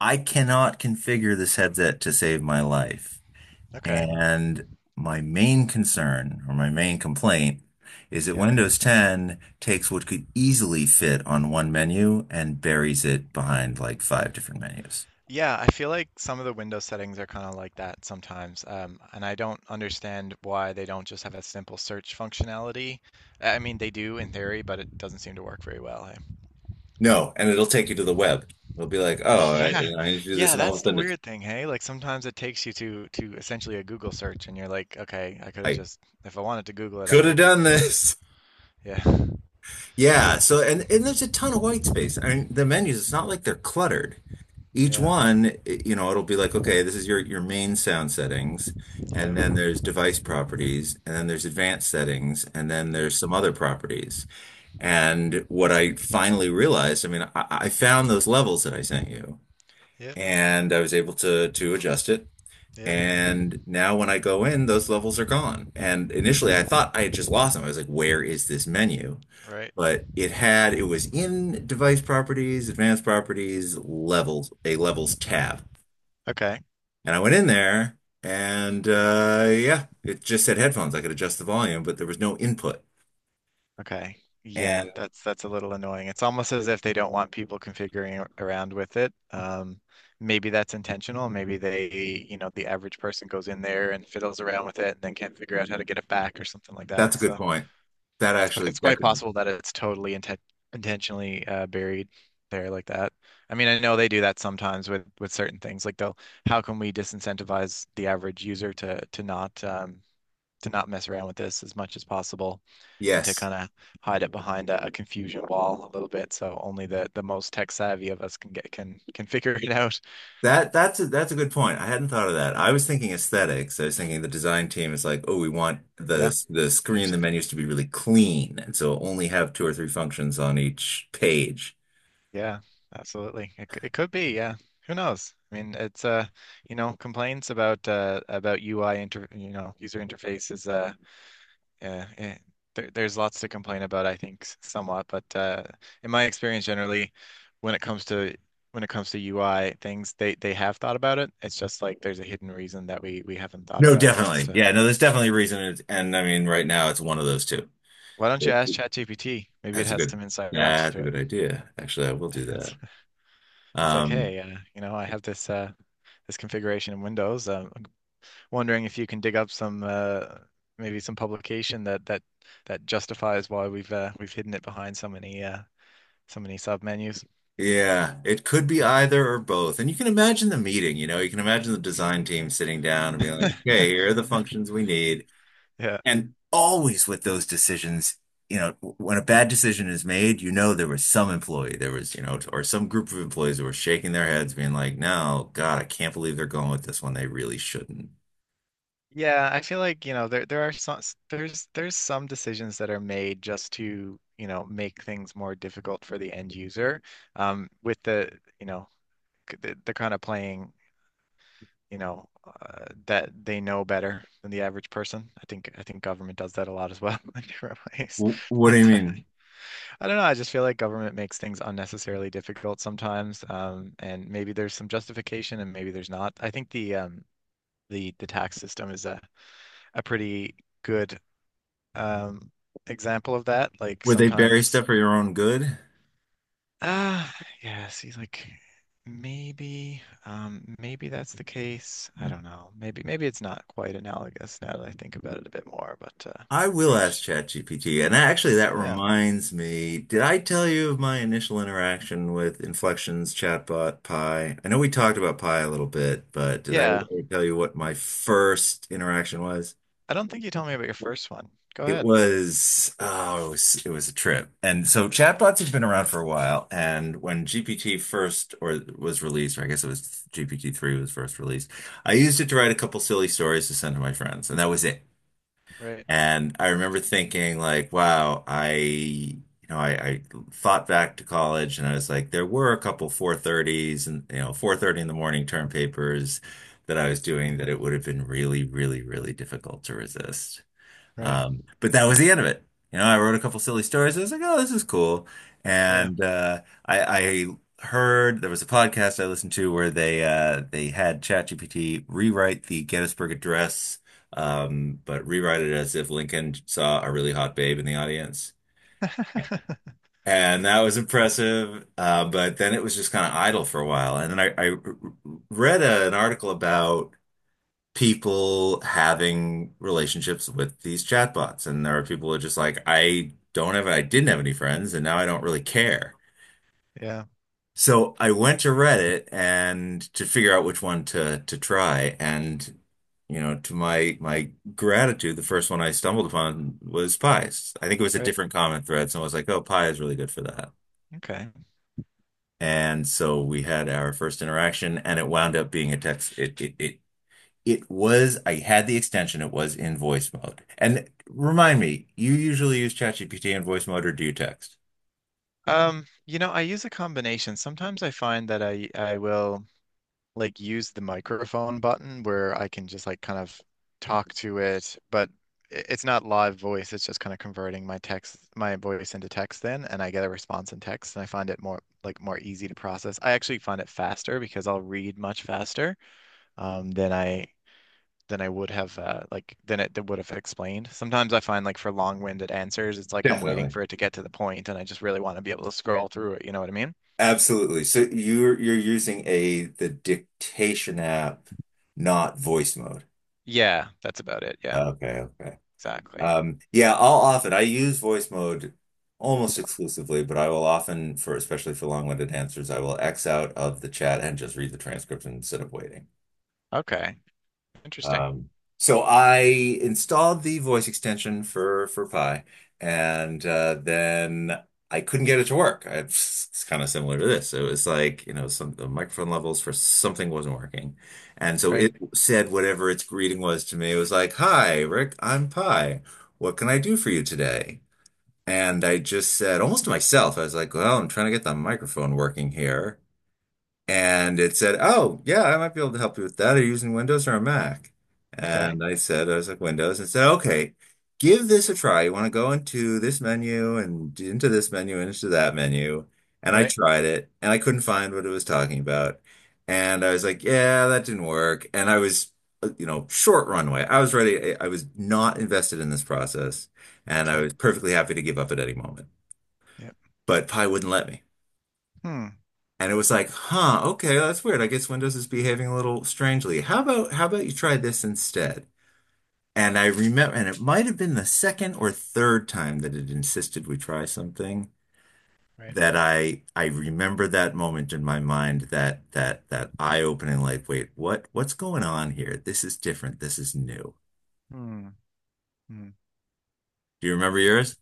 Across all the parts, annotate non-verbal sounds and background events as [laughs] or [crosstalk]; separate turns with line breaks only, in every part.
I cannot configure this headset to save my life.
Okay.
And my main concern or my main complaint is that
Yep.
Windows 10 takes what could easily fit on one menu and buries it behind like five different menus.
Yeah, I feel like some of the Windows settings are kind of like that sometimes. And I don't understand why they don't just have a simple search functionality. I mean, they do in theory, but it doesn't seem to work very well, eh?
No, and it'll take you to the web. It'll be like,
[laughs]
oh, I,
Yeah.
you know, I need to do this,
Yeah,
and all of
that's
a
the
sudden, it's,
weird thing, hey? Like sometimes it takes you to essentially a Google search and you're like, okay, I could have
I
just if I wanted to Google it, I
could
would
have
have
done
Googled it.
this. [laughs]
Yeah. [laughs]
Yeah. So, and
Absolutely.
and there's a ton of white space. I mean, the menus. It's not like they're cluttered. Each
Yeah.
one, it'll be like, okay, this is your main sound settings, and then
Yep.
there's device properties, and then there's advanced settings, and then
Right.
there's some other properties. And what I finally realized, I mean, I found those levels that I sent you,
Yep.
and I was able to adjust it.
Yep.
And now when I go in, those levels are gone. And initially I thought I had just lost them. I was like, where is this menu?
Right.
But it was in device properties, advanced properties, levels, a levels tab.
Okay.
And I went in there and yeah, it just said headphones. I could adjust the volume, but there was no input.
Okay. Yeah,
And
that's a little annoying. It's almost as if they don't want people configuring around with it. Maybe that's intentional. Maybe they, you know, the average person goes in there and fiddles around with it and then can't figure out how to get it back or something like
that's a
that.
good
So
point. That actually,
it's
that
quite
could.
possible that it's totally intentionally buried there like that. I mean, I know they do that sometimes with certain things. Like how can we disincentivize the average user to not mess around with this as much as possible and to
Yes.
kind of hide it behind a confusion wall a little bit so only the most tech savvy of us can get can [laughs] figure it out.
That's a good point. I hadn't thought of that. I was thinking aesthetics. I was thinking the design team is like, oh, we want the
Yeah,
the screen, the
potentially.
menus to be really clean, and so only have two or three functions on each page.
Yeah, absolutely. It could be, yeah. Who knows? I mean, it's you know, complaints about UI inter you know, user interface is yeah, eh, there's lots to complain about, I think, somewhat, but in my experience, generally, when it comes to when it comes to UI things, they have thought about it. It's just like there's a hidden reason that we haven't thought
No,
about as
definitely.
to
Yeah, no, there's definitely a reason. It's, and I mean, right now it's one of those two.
why don't you
That's
ask ChatGPT? Maybe
a
it has
good
some insight
that's
onto
a
it.
good idea. Actually, I will do
[laughs] It's
that.
it's like,
Um,
hey, you know, I have this this configuration in Windows. I'm wondering if you can dig up some maybe some publication that that justifies why we've hidden it behind so many so many sub menus.
yeah, it could be
Yeah.
either or both. And you can imagine the meeting, you can imagine the design team sitting down and being like, okay, here are
[laughs]
the functions we need.
Yeah.
And always with those decisions, you know, when a bad decision is made, there was some employee, there was, or some group of employees that were shaking their heads, being like, no, God, I can't believe they're going with this one. They really shouldn't.
Yeah, I feel like, you know, there are some there's some decisions that are made just to, you know, make things more difficult for the end user. With the, you know, the kind of playing, you know, that they know better than the average person. I think government does that a lot as well [laughs] in different ways.
Wh-
[laughs]
What do you
But
mean?
I don't know. I just feel like government makes things unnecessarily difficult sometimes. And maybe there's some justification and maybe there's not. I think the tax system is a pretty good um example of that. Like
Would they bury
sometimes,
stuff for your own good?
ah, yeah, see, like maybe, maybe that's the case. I don't know. Maybe it's not quite analogous now that I think about it a bit more, but
I will ask
perhaps,
ChatGPT. And actually, that
yeah,
reminds me, did I tell you of my initial interaction with Inflection's chatbot Pi? I know we talked about Pi a little bit, but did I
yeah.
tell you what my first interaction was?
I don't think you told me about your first one. Go
It
ahead.
was, oh, it was a trip. And so chatbots have been around for a while. And when GPT first, or was released, or I guess it was GPT-3 was first released, I used it to write a couple silly stories to send to my friends, and that was it.
Right.
And I remember thinking like, wow, I, you know, I thought back to college and I was like, there were a couple 4:30s and, 4:30 in the morning term papers that I was doing that
Hmm.
it would have been really, really, really difficult to resist.
Right.
But that was the end of it. I wrote a couple silly stories. I was like, oh, this is cool.
Yeah.
And I heard there was a podcast I listened to where they had ChatGPT rewrite the Gettysburg Address, but rewrite it as if Lincoln saw a really hot babe in the audience.
[laughs]
And that was impressive. But then it was just kind of idle for a while. And then I read an article about people having relationships with these chatbots. And there are people who are just like, I don't have, I didn't have any friends, and now I don't really care.
Yeah.
So I went to Reddit and to figure out which one to try. And to my gratitude, the first one I stumbled upon was pies. I think it was a
Right.
different comment thread. Someone was like, "Oh, pie is really good for that."
Okay.
And so we had our first interaction, and it wound up being a text. It was, I had the extension, it was in voice mode. And remind me, you usually use ChatGPT in voice mode or do you text?
You know, I use a combination. Sometimes I find that I will, like use the microphone button where I can just like kind of talk to it, but it's not live voice. It's just kind of converting my text, my voice into text then, and I get a response in text, and I find it more like more easy to process. I actually find it faster because I'll read much faster um, than I than I would have like than it would have explained. Sometimes I find like for long-winded answers, it's like I'm waiting
Definitely.
for it to get to the point, and I just really want to be able to scroll through it. You know what I mean?
Absolutely. So you're using a the dictation app, not voice mode.
Yeah, that's about it. Yeah,
Okay, okay.
exactly.
Yeah, I'll often I use voice mode almost exclusively, but I will often for especially for long-winded answers, I will X out of the chat and just read the transcript instead of waiting.
Okay, interesting.
Um, so I installed the voice extension for Pi, and then I couldn't get it to work. It's kind of similar to this. It was like, some the microphone levels for something wasn't working, and so
Right.
it said whatever its greeting was to me. It was like, "Hi, Rick, I'm Pi. What can I do for you today?" And I just said, almost to myself, I was like, "Well, I'm trying to get the microphone working here." And it said, oh, yeah, I might be able to help you with that. Are you using Windows or a Mac?
Okay.
And I said, I was like, Windows. And it said, okay, give this a try. You want to go into this menu and into this menu and into that menu. And I
Right.
tried it and I couldn't find what it was talking about. And I was like, yeah, that didn't work. And I was, short runway. I was ready. I was not invested in this process and I
Okay.
was perfectly happy to give up at any moment,
Yep.
but Pi wouldn't let me.
Hmm.
And it was like, huh, okay, oh, that's weird. I guess Windows is behaving a little strangely. How about you try this instead? And I remember, and it might have been the second or third time that it insisted we try something
Right.
that I remember that moment in my mind that eye-opening like, wait, what's going on here? This is different. This is new.
Hmm. Hmm.
Do you remember yours?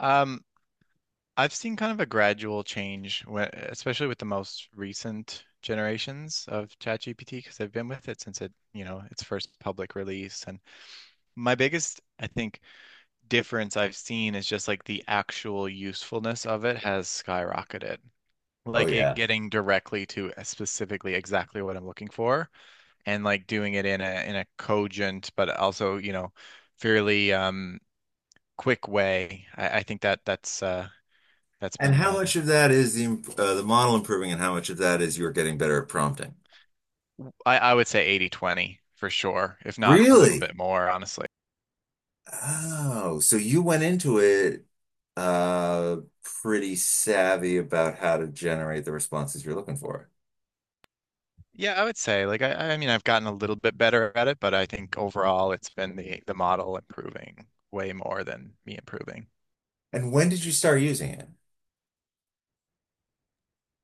Um, I've seen kind of a gradual change, when, especially with the most recent generations of ChatGPT, because I've been with it since it, you know, its first public release. And my biggest, I think, difference I've seen is just like the actual usefulness of it has skyrocketed.
Oh
Like it
yeah.
getting directly to specifically exactly what I'm looking for and like doing it in a cogent but also, you know, fairly quick way. I think that that's
And
been
how much of that is the model improving, and how much of that is you're getting better at prompting?
I would say 80-20 for sure, if not a little
Really?
bit more, honestly.
Oh, so you went into it pretty savvy about how to generate the responses you're looking for.
Yeah, I would say like I mean I've gotten a little bit better at it, but I think overall it's been the model improving way more than me improving.
And when did you start using it?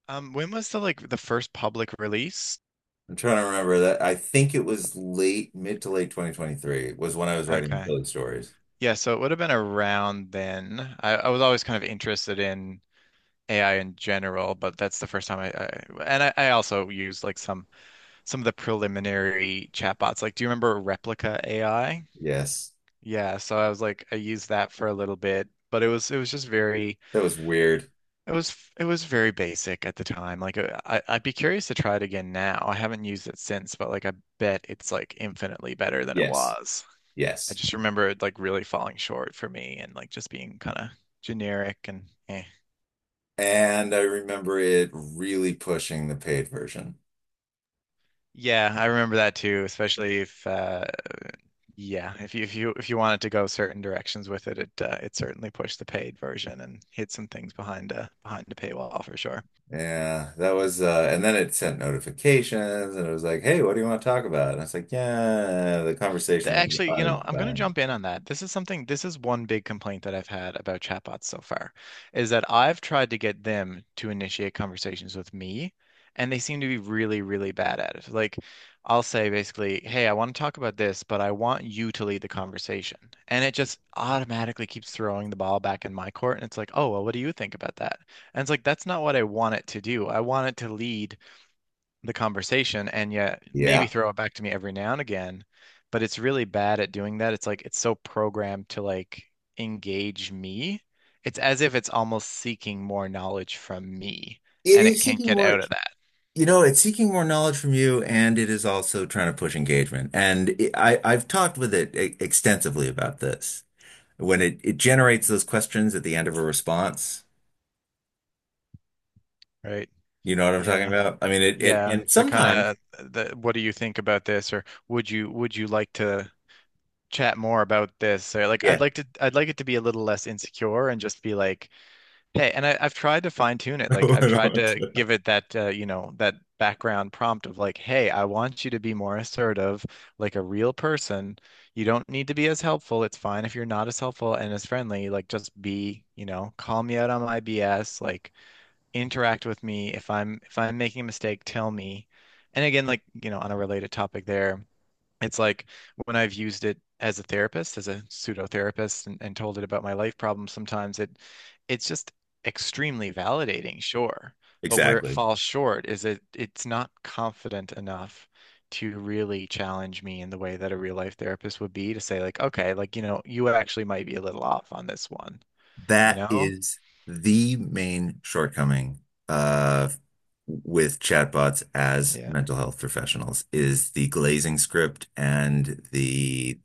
When was the like the first public release?
I'm trying to remember that. I think it was late, mid to late 2023 was when I was writing
Okay.
those stories.
Yeah, so it would have been around then. I was always kind of interested in AI in general, but that's the first time I also use like some of the preliminary chatbots. Like, do you remember Replica AI?
Yes.
Yeah, so I was like I used that for a little bit, but it was just very
That was weird.
it was very basic at the time. Like I I'd be curious to try it again now. I haven't used it since, but like I bet it's like infinitely better than it
Yes.
was. I
Yes.
just remember it like really falling short for me and like just being kind of generic and eh.
And I remember it really pushing the paid version.
Yeah, I remember that too, especially if yeah, if you if you wanted to go certain directions with it, it certainly pushed the paid version and hid some things behind a behind a paywall for sure.
Yeah, that was, and then it sent notifications and it was like, hey, what do you want to talk about? And I was like, yeah, the conversation was
Actually, you know, I'm going to
uninspiring.
jump in on that. This is one big complaint that I've had about chatbots so far, is that I've tried to get them to initiate conversations with me, and they seem to be really, really bad at it. Like, I'll say basically, hey, I want to talk about this, but I want you to lead the conversation. And it just automatically keeps throwing the ball back in my court. And it's like, oh, well, what do you think about that? And it's like, that's not what I want it to do. I want it to lead the conversation and yet maybe
Yeah.
throw it back to me every now and again, but it's really bad at doing that. It's like it's so programmed to like engage me. It's as if it's almost seeking more knowledge from me
It
and it
is
can't
seeking
get
more,
out of that.
it's seeking more knowledge from you and it is also trying to push engagement. And I've talked with it extensively about this. When it generates
Hmm.
those questions at the end of a response,
Right?
you know what I'm talking
Yeah.
about? I mean,
Yeah.
and
The kind
sometimes,
of the what do you think about this or would you like to chat more about this? Or like
yeah,
I'd like it to be a little less insecure and just be like hey. And I've tried to fine tune it. Like I've tried to
[laughs]
give it that, you know, that background prompt of like, hey, I want you to be more assertive, like a real person. You don't need to be as helpful. It's fine if you're not as helpful and as friendly. Like just be, you know, call me out on my BS. Like interact with me. If I'm making a mistake, tell me. And again, like, you know, on a related topic there, it's like when I've used it as a therapist, as a pseudo therapist, and told it about my life problems, sometimes it's just extremely validating, sure. But where it
exactly.
falls short is that it's not confident enough to really challenge me in the way that a real life therapist would be to say, like, okay, like, you know, you actually might be a little off on this one, you
That
know?
is the main shortcoming uh, with chatbots as
Yeah.
mental health professionals is the glazing script and the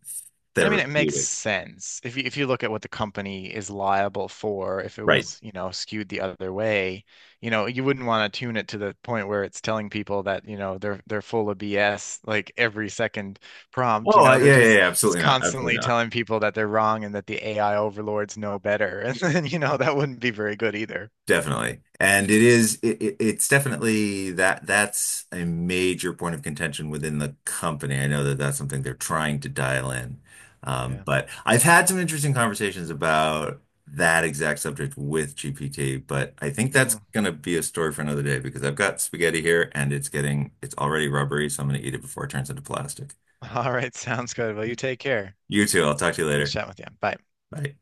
And I mean, it makes
therapeutic.
sense if you look at what the company is liable for. If it
Right.
was, you know, skewed the other way, you know, you wouldn't want to tune it to the point where it's telling people that, you know, they're full of BS like every second prompt. You
Oh,
know, they're
yeah, yeah,
just
yeah,
it's
absolutely not.
constantly
Absolutely not.
telling people that they're wrong and that the AI overlords know better. [laughs] And then, you know, that wouldn't be very good either.
Definitely. And it is it, it- it's definitely that that's a major point of contention within the company. I know that that's something they're trying to dial in. Um,
Yeah.
but I've had some interesting conversations about that exact subject with GPT, but I think that's
Mm.
going to be a story for another day because I've got spaghetti here and it's already rubbery, so I'm going to eat it before it turns into plastic.
[laughs] All right, sounds good. Well, you take care.
You too. I'll talk to you
Nice
later.
chatting with you. Bye.
Bye.